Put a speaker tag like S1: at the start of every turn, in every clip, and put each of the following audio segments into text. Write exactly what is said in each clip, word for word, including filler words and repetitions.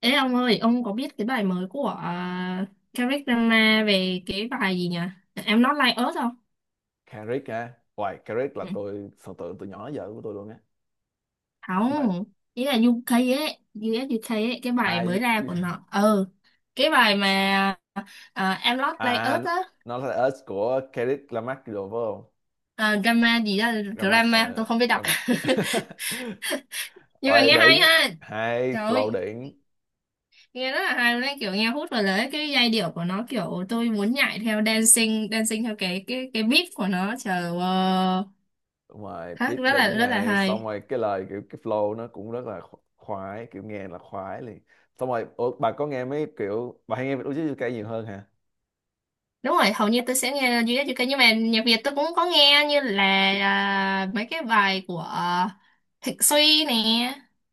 S1: Ê ông ơi, ông có biết cái bài mới của uh, Kendrick Lamar về cái bài gì nhỉ? Em Not Like Us không?
S2: Carrick á. Hoài Carrick là
S1: Ừ.
S2: tôi thần tượng từ nhỏ đến giờ của tôi luôn á. Cái bài
S1: Không, ý là U UK ấy, U ét U UK ấy, cái bài
S2: ai,
S1: mới ra của nó. Ừ, cái bài mà uh, Em Not Like
S2: à
S1: Us á,
S2: nó là Us của Carrick Lamarck đồ phải không?
S1: à, drama gì đó,
S2: Lamarck
S1: drama,
S2: uh,
S1: tôi không biết đọc.
S2: Lamarck.
S1: Nhưng mà
S2: Hoài
S1: nghe hay
S2: đỉnh,
S1: ha,
S2: hay
S1: trời
S2: flow
S1: ơi,
S2: đỉnh.
S1: nghe rất là hay luôn đấy, kiểu nghe hút vào đấy cái giai điệu của nó kiểu tôi muốn nhảy theo dancing, dancing theo cái cái cái beat của nó, trời ơi,
S2: Ngoài
S1: hát
S2: beat
S1: rất là
S2: đỉnh
S1: rất là
S2: này xong
S1: hay.
S2: rồi cái lời kiểu cái flow nó cũng rất là kho- khoái, kiểu nghe là khoái liền. Xong rồi ủa, bà có nghe mấy kiểu, bà hay nghe Việt UK nhiều hơn hả?
S1: Đúng rồi, hầu như tôi sẽ nghe duy nhất ca, nhưng mà nhạc Việt tôi cũng có nghe như là à, mấy cái bài của à, Thịnh Suy nè,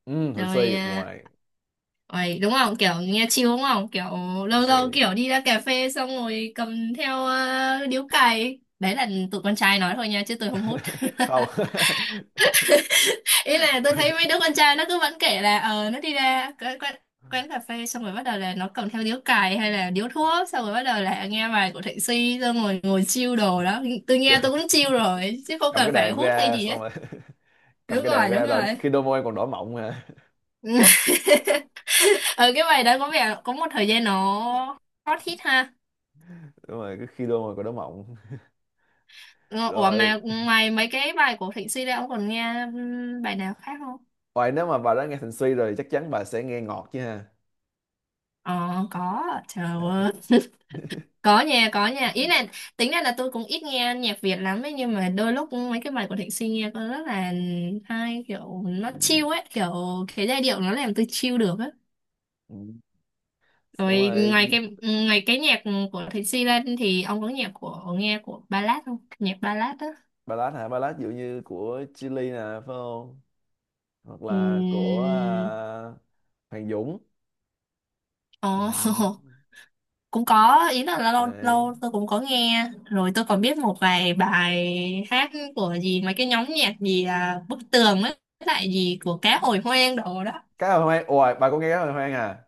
S2: Ừ, Huỳnh
S1: rồi
S2: Suy.
S1: à,
S2: Ngoài
S1: rồi đúng không, kiểu nghe chill đúng không, kiểu
S2: Huỳnh
S1: lâu lâu
S2: Suy.
S1: kiểu đi ra cà phê xong rồi cầm theo à, điếu cày. Đấy là tụi con trai nói thôi nha, chứ tôi không hút.
S2: Không.
S1: Ý là tôi thấy mấy đứa con trai nó cứ vẫn kể là ờ nó đi ra cái quán, quán cà phê xong rồi bắt đầu là nó cầm theo điếu cày hay là điếu thuốc, xong rồi bắt đầu là nghe bài của Thịnh Suy, xong rồi ngồi chill đồ đó. Tôi nghe tôi cũng chill rồi chứ không
S2: Cầm cái
S1: cần phải
S2: đàn
S1: hút hay
S2: ra
S1: gì
S2: xong
S1: hết.
S2: rồi. Cầm
S1: Đúng
S2: cái đàn
S1: rồi, đúng
S2: ra rồi
S1: rồi.
S2: khi đôi môi còn đỏ mọng hả?
S1: Ờ cái bài đó có vẻ có một thời gian nó hot hit ha.
S2: Đúng rồi, cứ khi đôi môi còn đỏ mọng
S1: Ờ, ủa
S2: rồi.
S1: mà ngoài mấy cái bài của Thịnh Suy ra, ông còn nghe ừm, bài nào khác không?
S2: Ngoài, nếu mà bà đã nghe Thành Suy rồi thì chắc chắn bà sẽ nghe Ngọt chứ ha.
S1: Ờ có, trời
S2: Đấy.
S1: ơi, có nha, có nha, ý là tính ra là tôi cũng ít nghe nhạc Việt lắm ấy, nhưng mà đôi lúc mấy cái bài của Thịnh Suy nghe có rất là hay, kiểu nó
S2: Ừ.
S1: chill ấy, kiểu cái giai điệu nó làm tôi chill được á.
S2: Ừ. Đúng
S1: Rồi
S2: rồi.
S1: ngoài cái ngoài cái nhạc của Thịnh Suy ra thì ông có nhạc của nghe của ballad không, nhạc ballad á?
S2: Ballad hả? Ballad ví dụ như của Chillies nè phải không? Hoặc là của
S1: Ừm.
S2: à, Hoàng Dũng. Ừ.
S1: Ồ cũng có, ý là lâu
S2: Đấy.
S1: lâu tôi cũng có nghe, rồi tôi còn biết một vài bài hát của gì mấy cái nhóm nhạc gì à, Bức Tường với lại gì của Cá Hồi Hoang đồ đó.
S2: Cá hồi hoang, ôi bà có nghe cá hồi hoang à?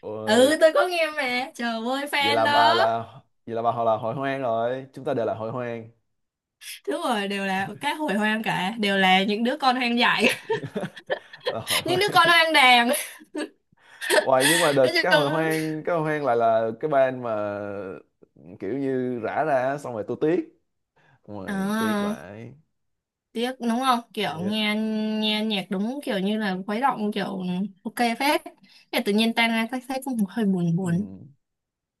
S2: Ôi
S1: Ừ tôi có nghe mà, trời ơi,
S2: vậy
S1: fan
S2: là bà
S1: đó.
S2: là, vậy là bà họ là hội hoang rồi, chúng ta đều là hội hoang.
S1: Đúng rồi, đều là Cá Hồi Hoang cả, đều là những đứa con hoang dại.
S2: Là hội
S1: Những
S2: hoang.
S1: đứa con hoang đàn.
S2: Hoài nhưng mà
S1: Nói
S2: đợt cái
S1: chung
S2: hội hoang, cái hội hoang lại là cái band mà kiểu như rã ra, xong rồi tôi tiếc. Ngoài tiếc
S1: à,
S2: vậy,
S1: tiếc đúng không, kiểu
S2: thiệt.
S1: nghe nghe nhạc đúng kiểu như là khuấy động, kiểu ừ, ok phết. Thế tự nhiên tan ra thấy thấy cũng hơi buồn buồn.
S2: Ừ.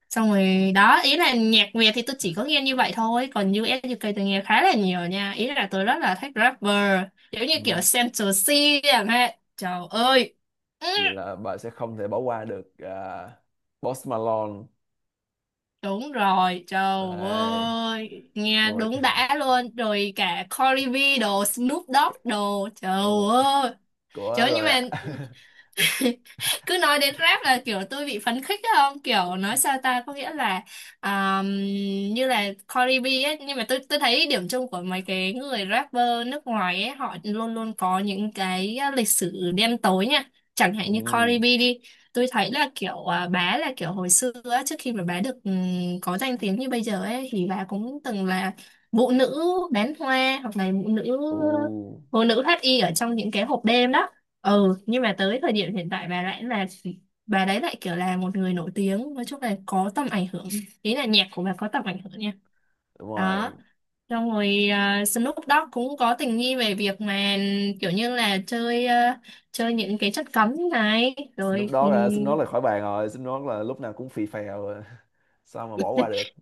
S1: Xong rồi đó, ý là nhạc Việt thì tôi chỉ có nghe như vậy thôi, còn u ét u kây tôi nghe khá là nhiều nha, ý là tôi rất là thích rapper giống như kiểu
S2: Ừ.
S1: Central C chẳng hạn, trời ơi. Ừ,
S2: Vậy là bà sẽ không thể bỏ qua được à, Post Malone.
S1: đúng rồi, trời
S2: Đây.
S1: ơi nghe
S2: Rồi.
S1: đúng đã luôn, rồi cả Cardi B đồ, Snoop Dogg đồ, trời
S2: Đúng rồi.
S1: ơi,
S2: Của
S1: trời ơi, nhưng
S2: rồi
S1: mà
S2: ạ.
S1: cứ nói đến rap là kiểu tôi bị phấn khích á, không kiểu nói sao ta, có nghĩa là um, như là Cardi B ấy, nhưng mà tôi tôi thấy điểm chung của mấy cái người rapper nước ngoài ấy, họ luôn luôn có những cái lịch sử đen tối nha. Chẳng hạn như Cardi
S2: Ừ.
S1: B đi, tôi thấy là kiểu à, bà là kiểu hồi xưa á, trước khi mà bà được ừm, có danh tiếng như bây giờ ấy, thì bà cũng từng là vụ nữ bán hoa, hoặc là vụ nữ
S2: Ừ.
S1: phụ nữ thoát y ở trong những cái hộp đêm đó. Ừ, nhưng mà tới thời điểm hiện tại bà lại là bà đấy lại kiểu là một người nổi tiếng, nói chung là có tầm ảnh hưởng, ý là nhạc của bà có tầm ảnh hưởng nha.
S2: Đúng rồi.
S1: Đó, xong rồi à, Snoop Dogg cũng có tình nghi về việc mà kiểu như là chơi à, chơi những cái chất cấm này rồi
S2: Snoop
S1: ừ,
S2: Dogg à, Snoop Dogg là khỏi bàn rồi, Snoop Dogg là lúc nào cũng phì phèo à. Sao mà bỏ qua được.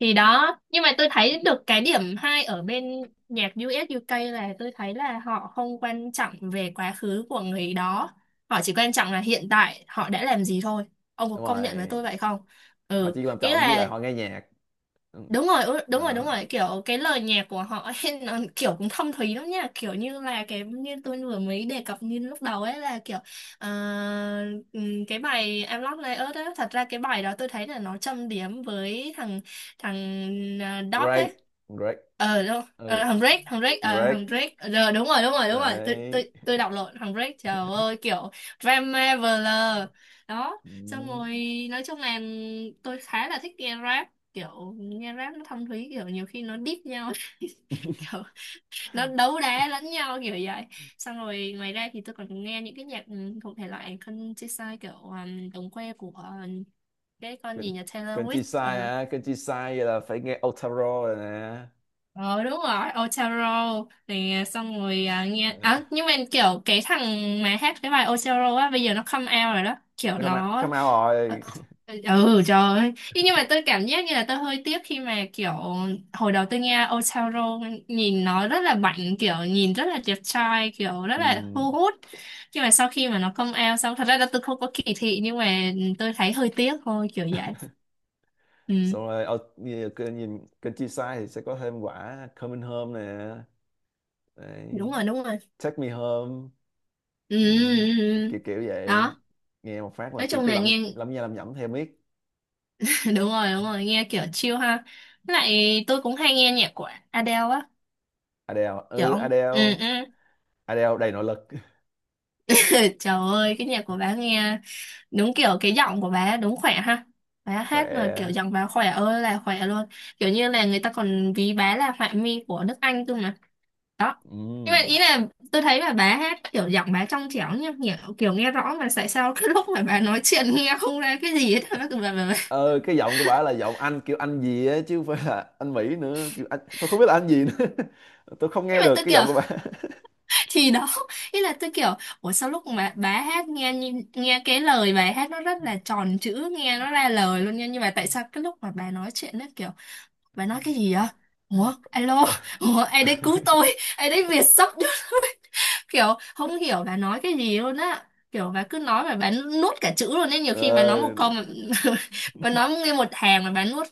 S1: thì đó. Nhưng mà tôi thấy được cái điểm hay ở bên nhạc u ét u kây là tôi thấy là họ không quan trọng về quá khứ của người đó, họ chỉ quan trọng là hiện tại họ đã làm gì thôi. Ông có
S2: Đúng
S1: công nhận với
S2: rồi,
S1: tôi vậy không?
S2: họ
S1: Ừ,
S2: chỉ quan
S1: ý
S2: trọng với lại
S1: là
S2: họ nghe nhạc. Ừ,
S1: đúng rồi, ừ, đúng rồi đúng
S2: đó.
S1: rồi, kiểu cái lời nhạc của họ ấy, nó kiểu cũng thâm thúy lắm nha, kiểu như là cái như tôi vừa mới đề cập như lúc đầu ấy, là kiểu ờ, ừm, cái bài Em Love Like Earth ấy, thật ra cái bài đó tôi thấy là nó châm điểm với thằng thằng uh, Dog ấy.
S2: Drake. Drake.
S1: Ờ đúng
S2: Ừ,
S1: ờ, thằng Drake thằng Drake ờ
S2: Drake.
S1: thằng Drake ờ, đúng rồi đúng rồi đúng rồi, tôi
S2: Đấy.
S1: tôi tôi đọc lộn thằng Drake, trời ơi kiểu Drama Veler đó.
S2: Ừ.
S1: Xong rồi nói chung là tôi khá là thích nghe rap, kiểu nghe rap nó thâm thúy, kiểu nhiều khi nó diss nhau kiểu nó đấu đá lẫn nhau kiểu vậy. Xong rồi ngoài ra thì tôi còn nghe những cái nhạc ừ, thuộc thể loại countryside, kiểu um, đồng quê của ờ, cái con
S2: Cần,
S1: gì nhà Taylor
S2: cần
S1: Swift
S2: chi sai
S1: ờ,
S2: hả, cần chi sai vậy là phải nghe Otaro rồi nè.
S1: ờ đúng rồi, Otero thì à, xong rồi à, nghe
S2: Ừ.
S1: à, nhưng mà kiểu cái thằng mà hát cái bài Otero á, bây giờ nó come out rồi đó, kiểu
S2: Nó come out,
S1: nó
S2: come out
S1: ờ,
S2: rồi.
S1: ừ trời ơi. Thế nhưng mà tôi cảm giác như là tôi hơi tiếc khi mà kiểu hồi đầu tôi nghe Otero nhìn nó rất là bảnh, kiểu nhìn rất là đẹp trai, kiểu rất là
S2: Ừ.
S1: thu hút. Nhưng mà sau khi mà nó come out xong, thật ra là tôi không có kỳ thị, nhưng mà tôi thấy hơi tiếc thôi kiểu vậy. Ừ,
S2: Xong rồi Ot- nhìn cần, nhìn- cần chi sai thì sẽ có thêm quả Coming Home nè. Đấy.
S1: đúng rồi, đúng rồi.
S2: Take Me Home.
S1: Ừ,
S2: Ừ,
S1: ừ, ừ. ừ.
S2: kiểu kiểu vậy.
S1: Đó
S2: Nghe một phát là
S1: nói
S2: kiểu
S1: chung
S2: cứ
S1: là
S2: lẩm
S1: nghe
S2: lẩm nha, lẩm nhẩm theo miết.
S1: đúng rồi đúng rồi, nghe kiểu chill ha. Với lại tôi cũng hay nghe nhạc của Adele á,
S2: Adele,
S1: kiểu
S2: ừ
S1: ông ừ,
S2: Adele.
S1: ừ.
S2: Adele đầy nội lực.
S1: Trời ơi cái nhạc của bà nghe đúng kiểu cái giọng của bà đúng khỏe ha, bà hát mà kiểu
S2: Khỏe.
S1: giọng bà khỏe ơi là khỏe luôn, kiểu như là người ta còn ví bà là họa mi của nước Anh cơ mà. Đó, nhưng mà
S2: Ừ.
S1: ý là tôi thấy là bà hát kiểu giọng bà trong trẻo nhá, kiểu, kiểu nghe rõ, mà tại sao cái lúc mà bà nói chuyện nghe không ra cái gì hết, bà, bà, bà.
S2: Ờ cái giọng của bả là giọng Anh, kiểu Anh gì á chứ không phải là Anh Mỹ nữa, kiểu Anh tôi không biết là Anh gì nữa. Tôi không
S1: Nhưng
S2: nghe
S1: mà
S2: được
S1: tôi
S2: cái
S1: kiểu
S2: giọng của bả.
S1: thì đó, ý là tôi kiểu ủa sao lúc mà bà hát nghe như- nghe cái lời bài hát nó rất là tròn chữ, nghe nó ra lời luôn nha, nhưng mà tại sao cái lúc mà bà nói chuyện nó kiểu bà nói cái gì vậy, ủa alo,
S2: Bả-
S1: ủa ai đấy cứu tôi, ai đấy Việt sắp kiểu không hiểu bà nói cái gì luôn á, kiểu bà cứ nói mà bà nuốt cả chữ luôn ấy, nhiều khi bà nói một câu
S2: Ờ,
S1: mà bà nói nghe một hàng mà bà nuốt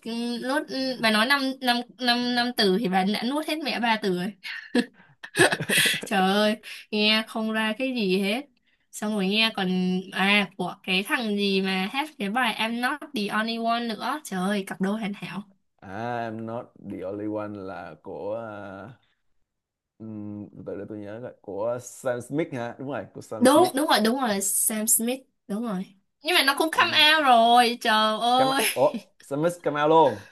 S1: nuốt bà nói năm năm năm năm từ thì bà đã nuốt hết mẹ ba từ. Trời ơi, nghe không ra cái gì hết. Xong rồi nghe còn à của cái thằng gì mà hát cái bài I'm Not the Only One nữa. Trời ơi, cặp đôi hoàn hảo.
S2: à I'm Not the Only One là của à, từ từ để tôi nhớ coi, của Sam Smith hả? Đúng rồi, của Sam
S1: Đúng,
S2: Smith.
S1: đúng rồi, đúng rồi, Sam Smith, đúng rồi. Nhưng mà nó cũng
S2: Ừ.
S1: come out rồi, trời
S2: Cam,
S1: ơi.
S2: ủa Smith camel luôn.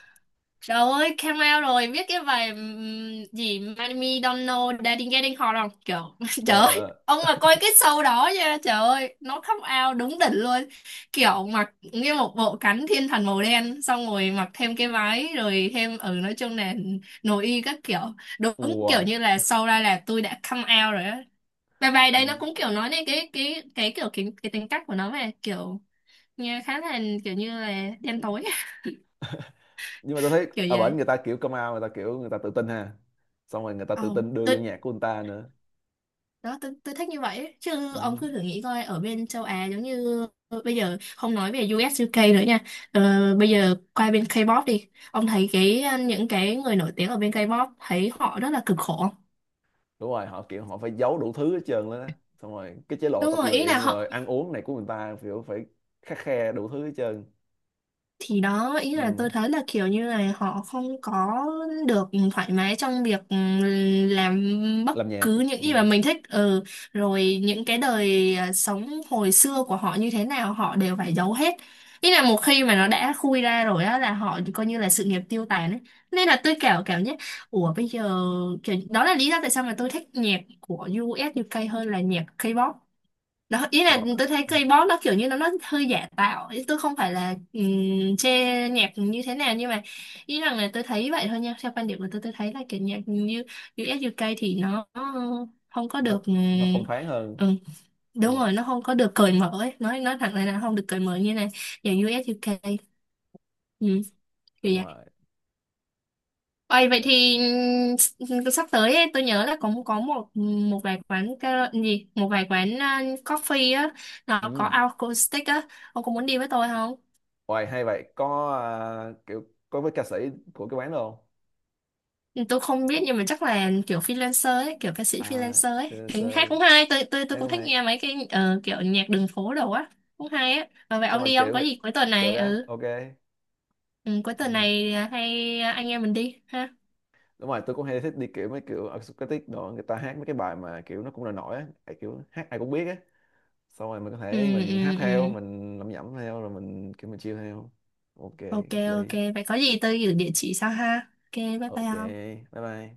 S1: Trời ơi, Camel rồi, biết cái bài ừm, gì Miami Don't Know Daddy Getting Hot không? Trời, trời
S2: Ờ ờ
S1: ơi,
S2: ờ.
S1: ông mà coi cái show đó nha, trời ơi, nó khóc ao đúng đỉnh luôn. Kiểu mặc như một bộ cánh thiên thần màu đen, xong rồi mặc thêm cái váy, rồi thêm, ừ, nói chung là nội y các kiểu. Đúng kiểu
S2: Ui.
S1: như là show ra là tôi đã come out rồi á. Bài bài đây nó cũng kiểu nói đến cái cái cái kiểu cái, cái tính cách của nó mà kiểu nghe khá là kiểu như là đen tối
S2: Nhưng mà tôi thấy
S1: kiểu
S2: ở bển
S1: vậy.
S2: người ta kiểu camel, người ta kiểu người ta tự tin ha. Xong rồi người ta tự
S1: Ồ,
S2: tin đưa
S1: tôi
S2: vô nhạc của người ta nữa.
S1: đó tôi, tôi thích như vậy ấy. Chứ ông
S2: Ừ.
S1: cứ thử nghĩ coi ở bên châu Á giống như bây giờ không nói về u ét u kây nữa nha, ờ, bây giờ qua bên K-pop đi, ông thấy cái ờ, những cái người nổi tiếng ở bên K-pop thấy họ rất là cực khổ không?
S2: Đúng rồi họ kiểu họ phải giấu đủ thứ hết trơn lên á. Xong rồi cái chế độ
S1: Đúng
S2: tập
S1: rồi, ý là
S2: luyện rồi
S1: họ
S2: ăn uống này của người ta kiểu phải khắt khe đủ thứ hết trơn.
S1: thì đó, ý là
S2: Ừ.
S1: tôi thấy là kiểu như là họ không có được thoải mái trong việc ừ, làm bất
S2: Làm nhạc.
S1: cứ những
S2: Ừ.
S1: gì mà mình thích, ừ rồi những cái đời à, sống hồi xưa của họ như thế nào họ đều phải giấu hết, ý là một khi mà nó đã khui ra rồi á là họ coi như là sự nghiệp tiêu tàn ấy, nên là tôi kiểu cảm giác ủa bây giờ kiểu đó là lý do tại sao mà tôi thích nhạc của u US u kây hơn là nhạc K-pop. Đó, ý
S2: Đúng
S1: là
S2: rồi.
S1: tôi thấy K-pop nó kiểu như nó nó hơi giả tạo ý, tôi không phải là um, chê nhạc như thế nào, nhưng mà ý rằng là tôi thấy vậy thôi nha, theo quan điểm của tôi tôi thấy là kiểu nhạc như u ét u kây thì nó không có
S2: nó
S1: được ừm,
S2: nó phong thoáng hơn.
S1: ừ,
S2: Đúng
S1: đúng
S2: rồi,
S1: rồi nó không có được cởi mở ấy. nói nói thẳng là nó không được cởi mở như này nhạc u ét u kây ừ, kiểu
S2: đúng
S1: vậy.
S2: rồi.
S1: Ôi, vậy
S2: Yeah.
S1: thì ừm, sắp tới ấy, tôi nhớ là có có một một vài quán kara- gì một vài quán uh, coffee á, nó có
S2: Ừ.
S1: acoustic á, ông có muốn đi với tôi không?
S2: Hoài hay vậy, có à, kiểu có với ca sĩ của cái quán đâu?
S1: Ừ, tôi không biết nhưng mà chắc là kiểu freelancer ấy, kiểu ca sĩ
S2: À
S1: freelancer ấy. Tính hát
S2: freelancer,
S1: cũng hay, tôi tôi tôi
S2: thấy
S1: cũng
S2: cũng
S1: thích
S2: hay.
S1: nghe mấy cái ờ, kiểu nhạc đường phố đồ á, cũng hay á. Ờ, vậy
S2: Xong
S1: ông
S2: rồi
S1: đi không?
S2: kiểu
S1: Có
S2: người...
S1: gì cuối tuần
S2: được
S1: này
S2: á,
S1: ừ,
S2: ok.
S1: ừ cuối tuần
S2: Ừ.
S1: này à, hay à, anh em mình đi ha.
S2: Đúng rồi tôi cũng hay thích đi kiểu mấy kiểu acoustic đồ, người ta hát mấy cái bài mà kiểu nó cũng là nổi á. Tại kiểu hát ai cũng biết á, xong rồi mình có
S1: Ừ
S2: thể
S1: ừ
S2: mình hát
S1: ừ.
S2: theo, mình lẩm nhẩm theo, rồi mình kiểu mình chill theo. Ok,
S1: Ok
S2: hợp lý.
S1: ok, vậy có gì tôi gửi địa chỉ sau ha. Ok, bye bye
S2: Ok,
S1: ông.
S2: bye bye.